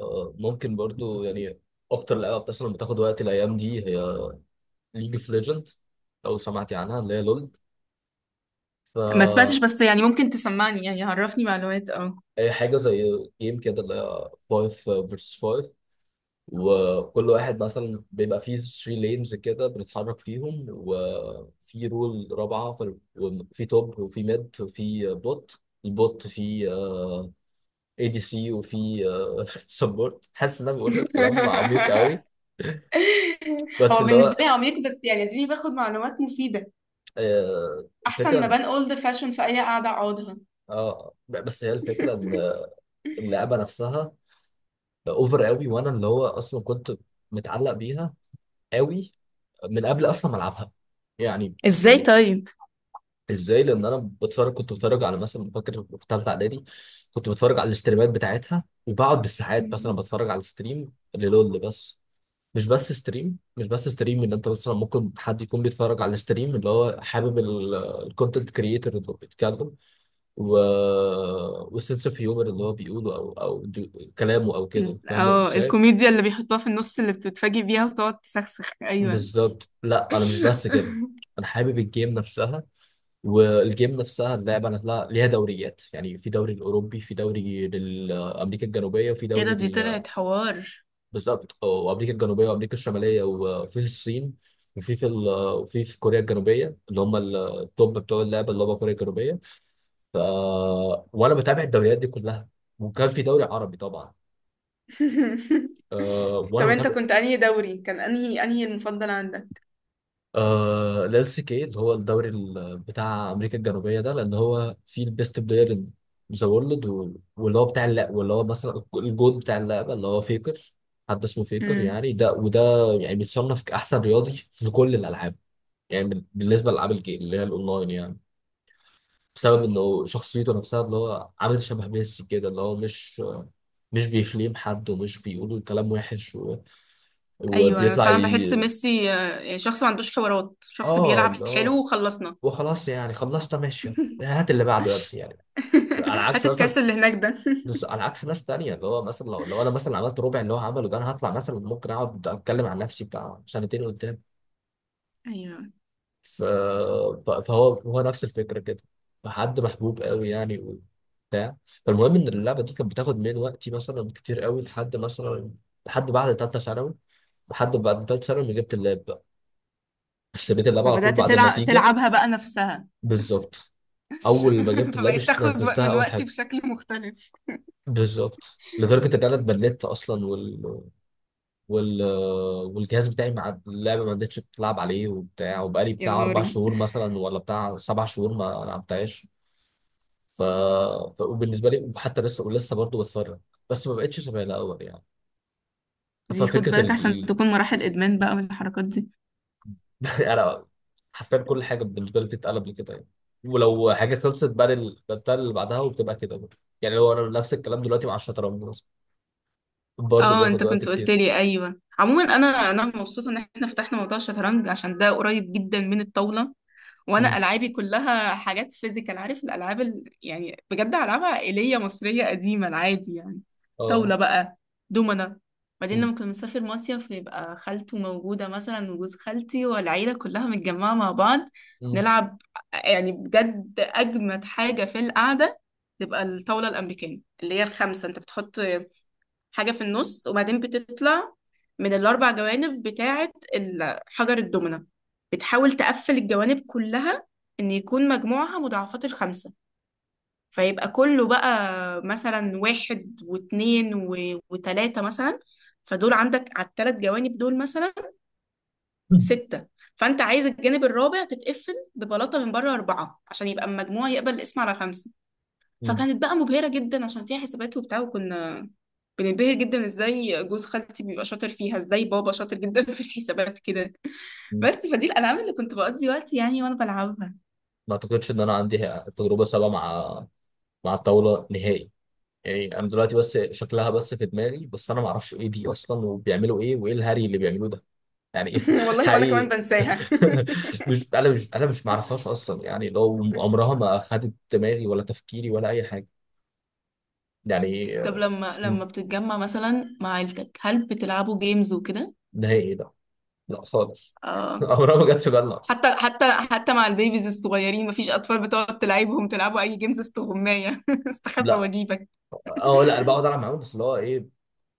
آه، ممكن برضو يعني اكتر لعبه مثلا بتاخد وقت الايام دي هي ليج اوف ليجند، لو سمعتي عنها، اللي هي لول. ما سمعتش ف بس يعني ممكن تسمعني يعني عرفني معلومات اه اي حاجه زي جيم كده اللي هي 5 فيرسس 5، وكل واحد مثلا بيبقى فيه 3 لينز كده بنتحرك فيهم، وفي رول رابعه في وفي توب وفي ميد وفي بوت. البوت فيه اي دي سي وفي سبورت. حاسس ان انا بقول الكلام عميق قوي. بس هو اللي بالنسبة هو لي عميق، بس يعني اديني باخد معلومات مفيدة، احسن ما الفكره. بان اولد فاشون في اي قعدة اقعدها. اه، بس هي الفكره ان اللعبه نفسها اوفر قوي، وانا اللي هو اصلا كنت متعلق بيها قوي من قبل اصلا ما العبها يعني ازاي يعني طيب؟ ازاي، لان انا كنت بتفرج على، مثلا فاكر في ثالثه اعدادي، كنت بتفرج على الاستريمات بتاعتها، وبقعد بالساعات مثلا مم. بتفرج على ستريم للول. بس مش بس ستريم ان انت مثلا ممكن حد يكون بيتفرج على ستريم اللي هو حابب الكونتنت كريتور اللي بيتكلم، و... والسنس اوف هيومر اللي هو بيقوله، او كلامه او كده، فاهم ازاي. الكوميديا اللي بيحطوها في النص اللي بتتفاجئ بيها وتقعد تسخسخ، ايوه. بالظبط، لا انا مش بس كده، انا حابب الجيم نفسها. والجيم نفسها اللعبه نفسها ليها دوريات يعني، في دوري الاوروبي، في دوري لامريكا الجنوبيه، وفي ايه ده؟ دي طلعت حوار. بالظبط، وامريكا الجنوبيه وامريكا الشماليه، وفي الصين، وفي في كوريا الجنوبيه اللي هم التوب بتوع اللعبه، اللي هم كوريا الجنوبيه. ف... وانا بتابع الدوريات دي كلها. وكان في دوري عربي طبعا. آه وانا طب انت بتابع. كنت انهي دوري؟ كان انهي المفضل عندك؟ ال LCK، اللي هو الدوري بتاع امريكا الجنوبيه ده، لان هو فيه البيست بلاير ان ذا وورلد، واللي هو بتاع اللعبه، واللي هو مثلا الجود بتاع اللعبه اللي هو فيكر، حد اسمه فيكر. يعني ده وده يعني بيتصنف كاحسن رياضي في كل الالعاب، يعني بالنسبه لالعاب الجيم اللي هي الاونلاين يعني، بسبب انه شخصيته نفسها اللي هو عامل شبه ميسي كده، اللي هو مش بيفليم حد، ومش بيقولوا كلام وحش ايوه، انا وبيطلع فعلا بحس ميسي. يعني شخص ما عندوش حوارات، شخص اه بيلعب حلو لا. وخلصنا. وخلاص، يعني خلصت ماشي. يعني هات اللي بعده يا ابني يعني، على عكس هات مثلا. الكاس اللي هناك ده. بص، على عكس ناس تانية، اللي هو مثلا لو انا مثلا عملت ربع اللي هو عمله ده، انا هطلع مثلا ممكن اقعد اتكلم عن نفسي بتاع سنتين قدام. ايوه، ف... فهو نفس الفكرة كده. فحد محبوب قوي يعني، وبتاع. فالمهم ان اللعبة دي كانت بتاخد من وقتي مثلا كتير قوي، لحد مثلا لحد بعد تالتة ثانوي. لحد بعد تالتة ثانوي ما جبت اللاب بقى، اشتريت اللاب على طول فبدأت بعد تلعب النتيجة. تلعبها بقى نفسها. بالظبط. اول ما جبت اللاب فبقيت تاخد نزلتها من اول وقتي حاجة. بشكل مختلف. بالظبط، لدرجه ان انا اتبلدت اصلا، وال... والجهاز بتاعي مع اللعبه ما عدتش بتلعب عليه وبتاع، وبقالي يا بتاع اربع نهاري، شهور مثلا ولا بتاع 7 شهور ما لعبتهاش. ف... وبالنسبه لي حتى لسه، ولسه برضه بتفرج، بس ما بقتش شبه الاول يعني. دي خد ففكره بالك احسن ال... تكون مراحل ادمان بقى والحركات دي. انا حرفيا كل حاجه بالنسبه لي بتتقلب لكده يعني. ولو حاجه خلصت بقى بتاع اللي بعدها وبتبقى كده برضه يعني، لو انا نفس الكلام دلوقتي مع الشطرنج مثلا برضه اه، انت بياخد وقت كنت قلت كتير. لي، ايوه. عموما انا مبسوطه ان احنا فتحنا موضوع الشطرنج عشان ده قريب جدا من الطاوله. وانا مم. العابي كلها حاجات فيزيكال، عارف الالعاب يعني بجد العاب عائليه مصريه قديمه، العادي يعني. اه. طاوله بقى، دومنه. بعدين مم. لما كنا بنسافر مصيف يبقى خالته موجوده مثلا وجوز خالتي والعيله كلها متجمعه مع بعض، مم. نلعب. يعني بجد اجمد حاجه في القعده تبقى الطاوله الامريكيه اللي هي الخمسه. انت بتحط حاجة في النص، وبعدين بتطلع من الأربع جوانب بتاعة حجر الدومنة، بتحاول تقفل الجوانب كلها إن يكون مجموعها مضاعفات الخمسة. فيبقى كله بقى مثلا واحد واتنين وتلاتة مثلا، فدول عندك على التلات جوانب دول مثلا مم. ستة. فأنت عايز الجانب الرابع تتقفل ببلاطة من بره أربعة عشان يبقى المجموع يقبل القسم على خمسة. مم. فكانت بقى مبهرة جدا عشان فيها حسابات وبتاع، وكنا بننبهر جدا ازاي جوز خالتي بيبقى شاطر فيها، ازاي بابا شاطر جدا في الحسابات كده. بس فدي الألعاب اللي كنت بقضي وقتي يعني وانا بلعبها. ما اعتقدش ان انا عندي تجربه سابقه مع الطاوله نهائي. يعني انا دلوقتي بس شكلها بس في دماغي، بس انا ما اعرفش ايه دي اصلا، وبيعملوا ايه وايه الهري اللي بيعملوه ده. يعني إيه؟ والله وانا كمان حقيقي. بنساها. مش انا مش معرفهاش اصلا يعني، لو عمرها ما اخدت دماغي ولا تفكيري ولا اي حاجه يعني طب آه،. لما بتتجمع مثلا مع عيلتك، هل بتلعبوا جيمز وكده؟ نهائي لا. لا خالص. آه. عمرها ما جت في بالنا اصلا. حتى مع البيبيز الصغيرين، مفيش أطفال بتقعد تلعبهم؟ تلعبوا أي جيمز؟ استغماية استخبى لا. وأجيبك. اه لا، انا بقعد العب معاهم، بس اللي هو ايه،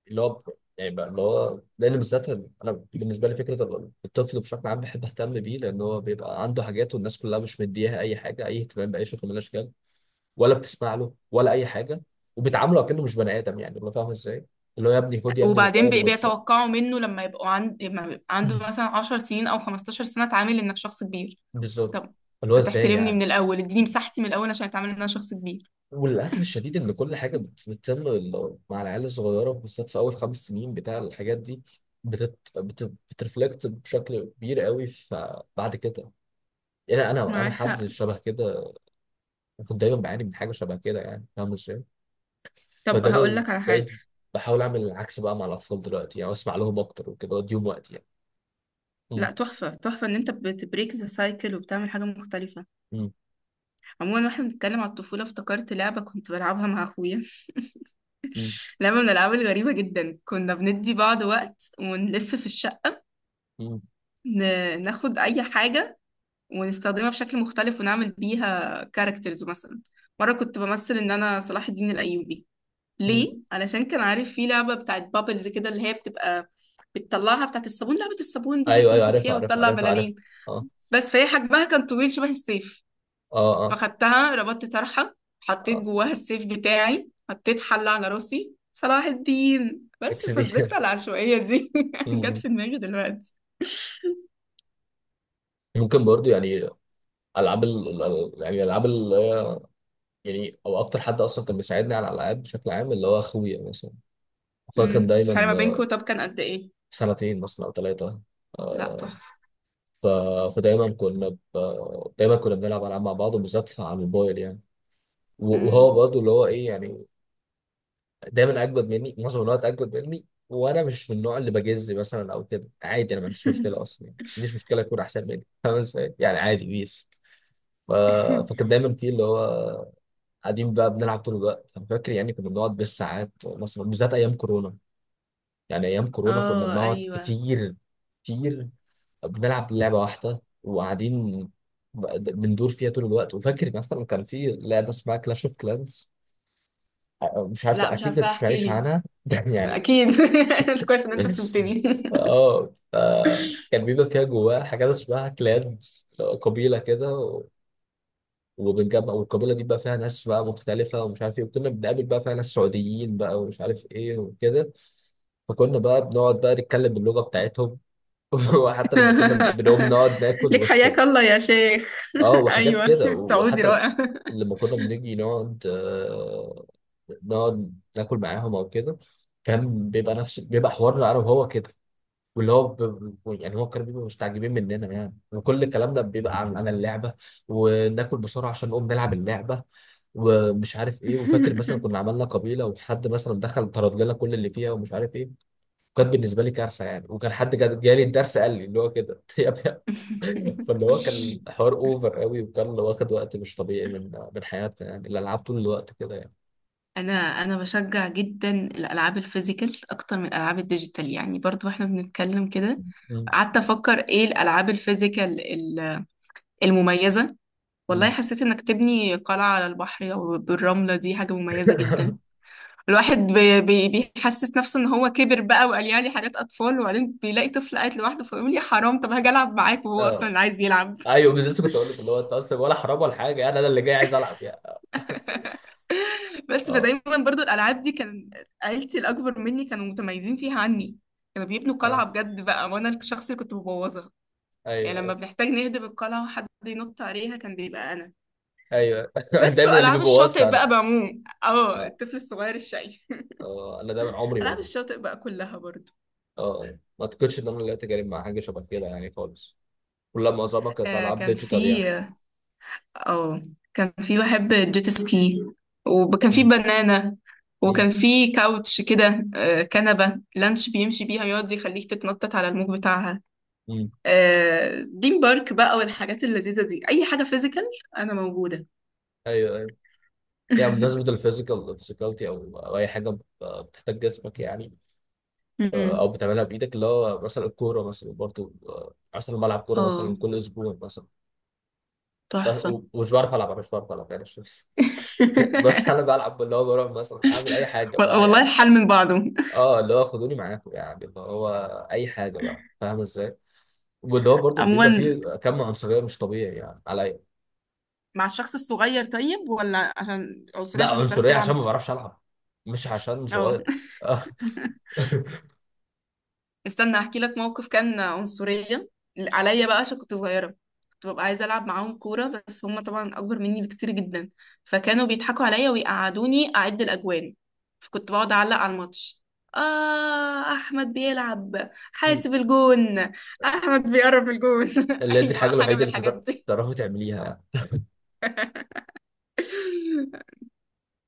اللي هو يعني بقى اللي هو، لان بالذات انا بالنسبه لي فكره الطفل بشكل عام بحب اهتم بيه، لان هو بيبقى عنده حاجات والناس كلها مش مديها اي حاجه، اي اهتمام باي شكل من الاشكال، ولا بتسمع له ولا اي حاجه، وبيتعاملوا كأنه مش بني ادم يعني، اللي فاهم ازاي، اللي هو يا ابني خد يا ابني وبعدين الموبايل وتر. بيتوقعوا منه لما يبقى عنده مثلا 10 سنين أو 15 سنة، اتعامل إنك شخص كبير. بالظبط. طب اللي هو ما ازاي تحترمني من يعني. الأول، اديني مساحتي من الأول عشان اتعامل إن أنا شخص كبير. وللاسف الشديد ان كل حاجه بتتم مع العيال الصغيره بالذات في اول 5 سنين، بتاع الحاجات دي بترفلكت بشكل كبير قوي. فبعد كده يعني انا معاك حق. حد شبه كده، كنت دايما بعاني من حاجه شبه كده يعني، فاهم ازاي. طب هقول فدايما لك على حاجة. بقيت بحاول اعمل العكس بقى مع الاطفال دلوقتي يعني، واسمع لهم اكتر وكده واديهم وقت يعني. مم. لا تحفة، تحفة ان انت بتبريك ذا سايكل وبتعمل حاجة مختلفة. مم. عموما واحنا بنتكلم على الطفولة، افتكرت لعبة كنت بلعبها مع اخويا، مم. لعبة من الالعاب الغريبة جدا. كنا بندي بعض وقت ونلف في الشقة، مم. ناخد اي حاجة ونستخدمها بشكل مختلف ونعمل بيها كاركترز. مثلا مرة كنت بمثل إن أنا صلاح الدين الأيوبي. مم. ليه؟ علشان كان عارف في لعبة بتاعت بابلز كده اللي هي بتبقى بتطلعها، بتاعت الصابون، لعبة الصابون دي اللي ايوه ايوه، بتنفخ عارفها فيها عارفها وتطلع عارفها عارفها. بلالين. اه بس فهي حجمها كان طويل شبه السيف. اه اه فخدتها، ربطت طرحة، حطيت اه. جواها السيف بتاعي، حطيت حلة على راسي، صلاح الدين. بس اكس دي. فالذكرى العشوائية دي جت مم. في دماغي دلوقتي. ممكن برضو يعني، العاب ال... ال- يعني العاب ال... يعني او اكتر حد اصلا كان بيساعدني على الالعاب بشكل عام اللي هو اخويا مثلا. اخويا كان الفرق ما دايما بينكوا آه،. طب كان قد ايه؟ سنتين مثلا او ثلاثه. لا تحفة. ف... فدايما كنا ب... دايما كنا بنلعب العاب مع بعض، وبالذات على الموبايل يعني. وهو امم برضه اللي هو ايه يعني، دايما اجمد مني معظم الوقت اجمد مني، وانا مش من النوع اللي بجز مثلا او كده، عادي انا ما عنديش مشكله اصلا يعني، ما عنديش مشكله اكون احسن مني، فاهم ازاي يعني، عادي بيس. ف... فكان دايما في اللي هو قاعدين بقى بنلعب طول الوقت، انا فاكر يعني كنا بنقعد بالساعات مثلا بالذات ايام كورونا. يعني ايام كورونا كنا اه، بنقعد ايوه. كتير كتير، بنلعب لعبة واحدة وقاعدين بندور فيها طول الوقت. وفاكر مثلا كان في لعبة اسمها كلاش اوف كلانز، مش عارف لا، مش أكيد ما عارفه، احكي تسمعيش لي. عنها. يعني، اكيد. كويس ان انت فهمتني. اه. ف- كان بيبقى فيها جواها حاجات اسمها كلانز، قبيلة كده، وبنجمع، والقبيلة دي بقى فيها ناس بقى مختلفة ومش عارف ايه، وكنا بنقابل بقى فيها ناس سعوديين بقى ومش عارف ايه وكده. فكنا بقى بنقعد بقى نتكلم باللغة بتاعتهم. وحتى لما كنا بنقوم نقعد ناكل لك وسط، حياك الله يا شيخ. اه وحاجات ايوه، كده. السعودي وحتى رائع. لما كنا بنيجي نقعد نقعد ناكل معاهم او كده، كان بيبقى نفس بيبقى حوارنا انا وهو كده، واللي هو يعني هو، كانوا بيبقوا مستعجبين مننا يعني، وكل الكلام ده بيبقى عن اللعبه، وناكل بسرعه عشان نقوم نلعب اللعبه، ومش عارف ايه. وفاكر مثلا كنا عملنا قبيله وحد مثلا دخل طرد لنا كل اللي فيها ومش عارف ايه، وكانت بالنسبه لي كارثه يعني. وكان حد جالي الدرس قال لي اللي هو كده. يا ابني، فاللي هو كان حوار اوفر قوي، وكان اللي واخد وقت مش طبيعي من حياتنا يعني، الالعاب طول الوقت كده يعني. انا انا بشجع جدا الالعاب الفيزيكال اكتر من الالعاب الديجيتال، يعني برضو احنا بنتكلم كده. مم. قعدت افكر ايه الالعاب الفيزيكال المميزه. والله مم. حسيت انك تبني قلعه على البحر او بالرمله، دي حاجه مميزه جدا. الواحد بي بي بيحسس نفسه ان هو كبر بقى وقال يعني حاجات اطفال، وبعدين بيلاقي طفل قاعد لوحده فيقول يا حرام طب هاجي العب معاك، وهو اصلا اه اللي عايز يلعب. ايوه، بس لسه كنت اقول لك اللي هو انت اصلا ولا حرام ولا حاجه يعني، انا اللي جاي عايز العب يعني. بس اه. فدايما برضو الالعاب دي كان عيلتي الاكبر مني كانوا متميزين فيها عني. كانوا بيبنوا قلعه اه. بجد بقى، وانا الشخص اللي كنت ببوظها. يعني لما ايوه بنحتاج نهدم القلعه وحد ينط عليها، كان بيبقى انا. ايوه، بس دايما اللي والعاب الشاطئ بيبوظها بقى انا. بعموم، اه اه. الطفل الصغير الشقي. اه انا دايما عمري ما العاب جربت. الشاطئ بقى كلها برضو. اه. آه. ما اعتقدش ان انا اللي اتجارب مع حاجه شبه كده يعني خالص. كلها معظمها كانت آه العاب كان ديجيتال في يعني. اه كان في بحب جيت سكي. وكان في مم. بنانة، مم. وكان في كاوتش كده، كنبة لانش بيمشي بيها يقعد يخليك تتنطط على الموج بتاعها. مم. دريم بارك بقى والحاجات اللذيذة دي، أي حاجة فيزيكال أنا موجودة. ايوه ايوه. يعني بمناسبه الفيزيكال فيزيكالتي او اي حاجه بتحتاج جسمك يعني، آه،. او أمم. بتعملها بايدك، اللي هو مثلا الكوره مثلا برضو، آه، مثلا بلعب كوره اه، مثلا كل اسبوع مثلا. بس تحفة. ومش بعرف العب، أنا مش بعرف العب يعني بس انا بلعب اللي هو بروح مثلا اعمل اي حاجه بقى والله يعني. الحال من بعضه. اه اللي هو خدوني معاكم يعني، اللي هو اي حاجه بقى، فاهم ازاي. واللي هو برضو بيبقى عموما فيه كم عنصريه مش طبيعي يعني عليا. مع الشخص الصغير طيب، ولا عشان عنصرية، لا، عشان مش بتعرف عنصريه عشان تلعب؟ ما بعرفش العب، مش عشان اه. صغير. آه،. استنى احكي لك موقف كان عنصرية عليا بقى عشان كنت صغيرة. كنت ببقى عايزة ألعب معاهم كورة، بس هم طبعا أكبر مني بكتير جدا. فكانوا بيضحكوا عليا ويقعدوني أعد الأجوان. فكنت بقعد أعلق على الماتش. آه أحمد بيلعب، حاسب الجون، أحمد بيقرب الجون. اللي هي دي أيوة الحاجه حاجة الوحيده من اللي الحاجات دي. تعرفي تعمليها.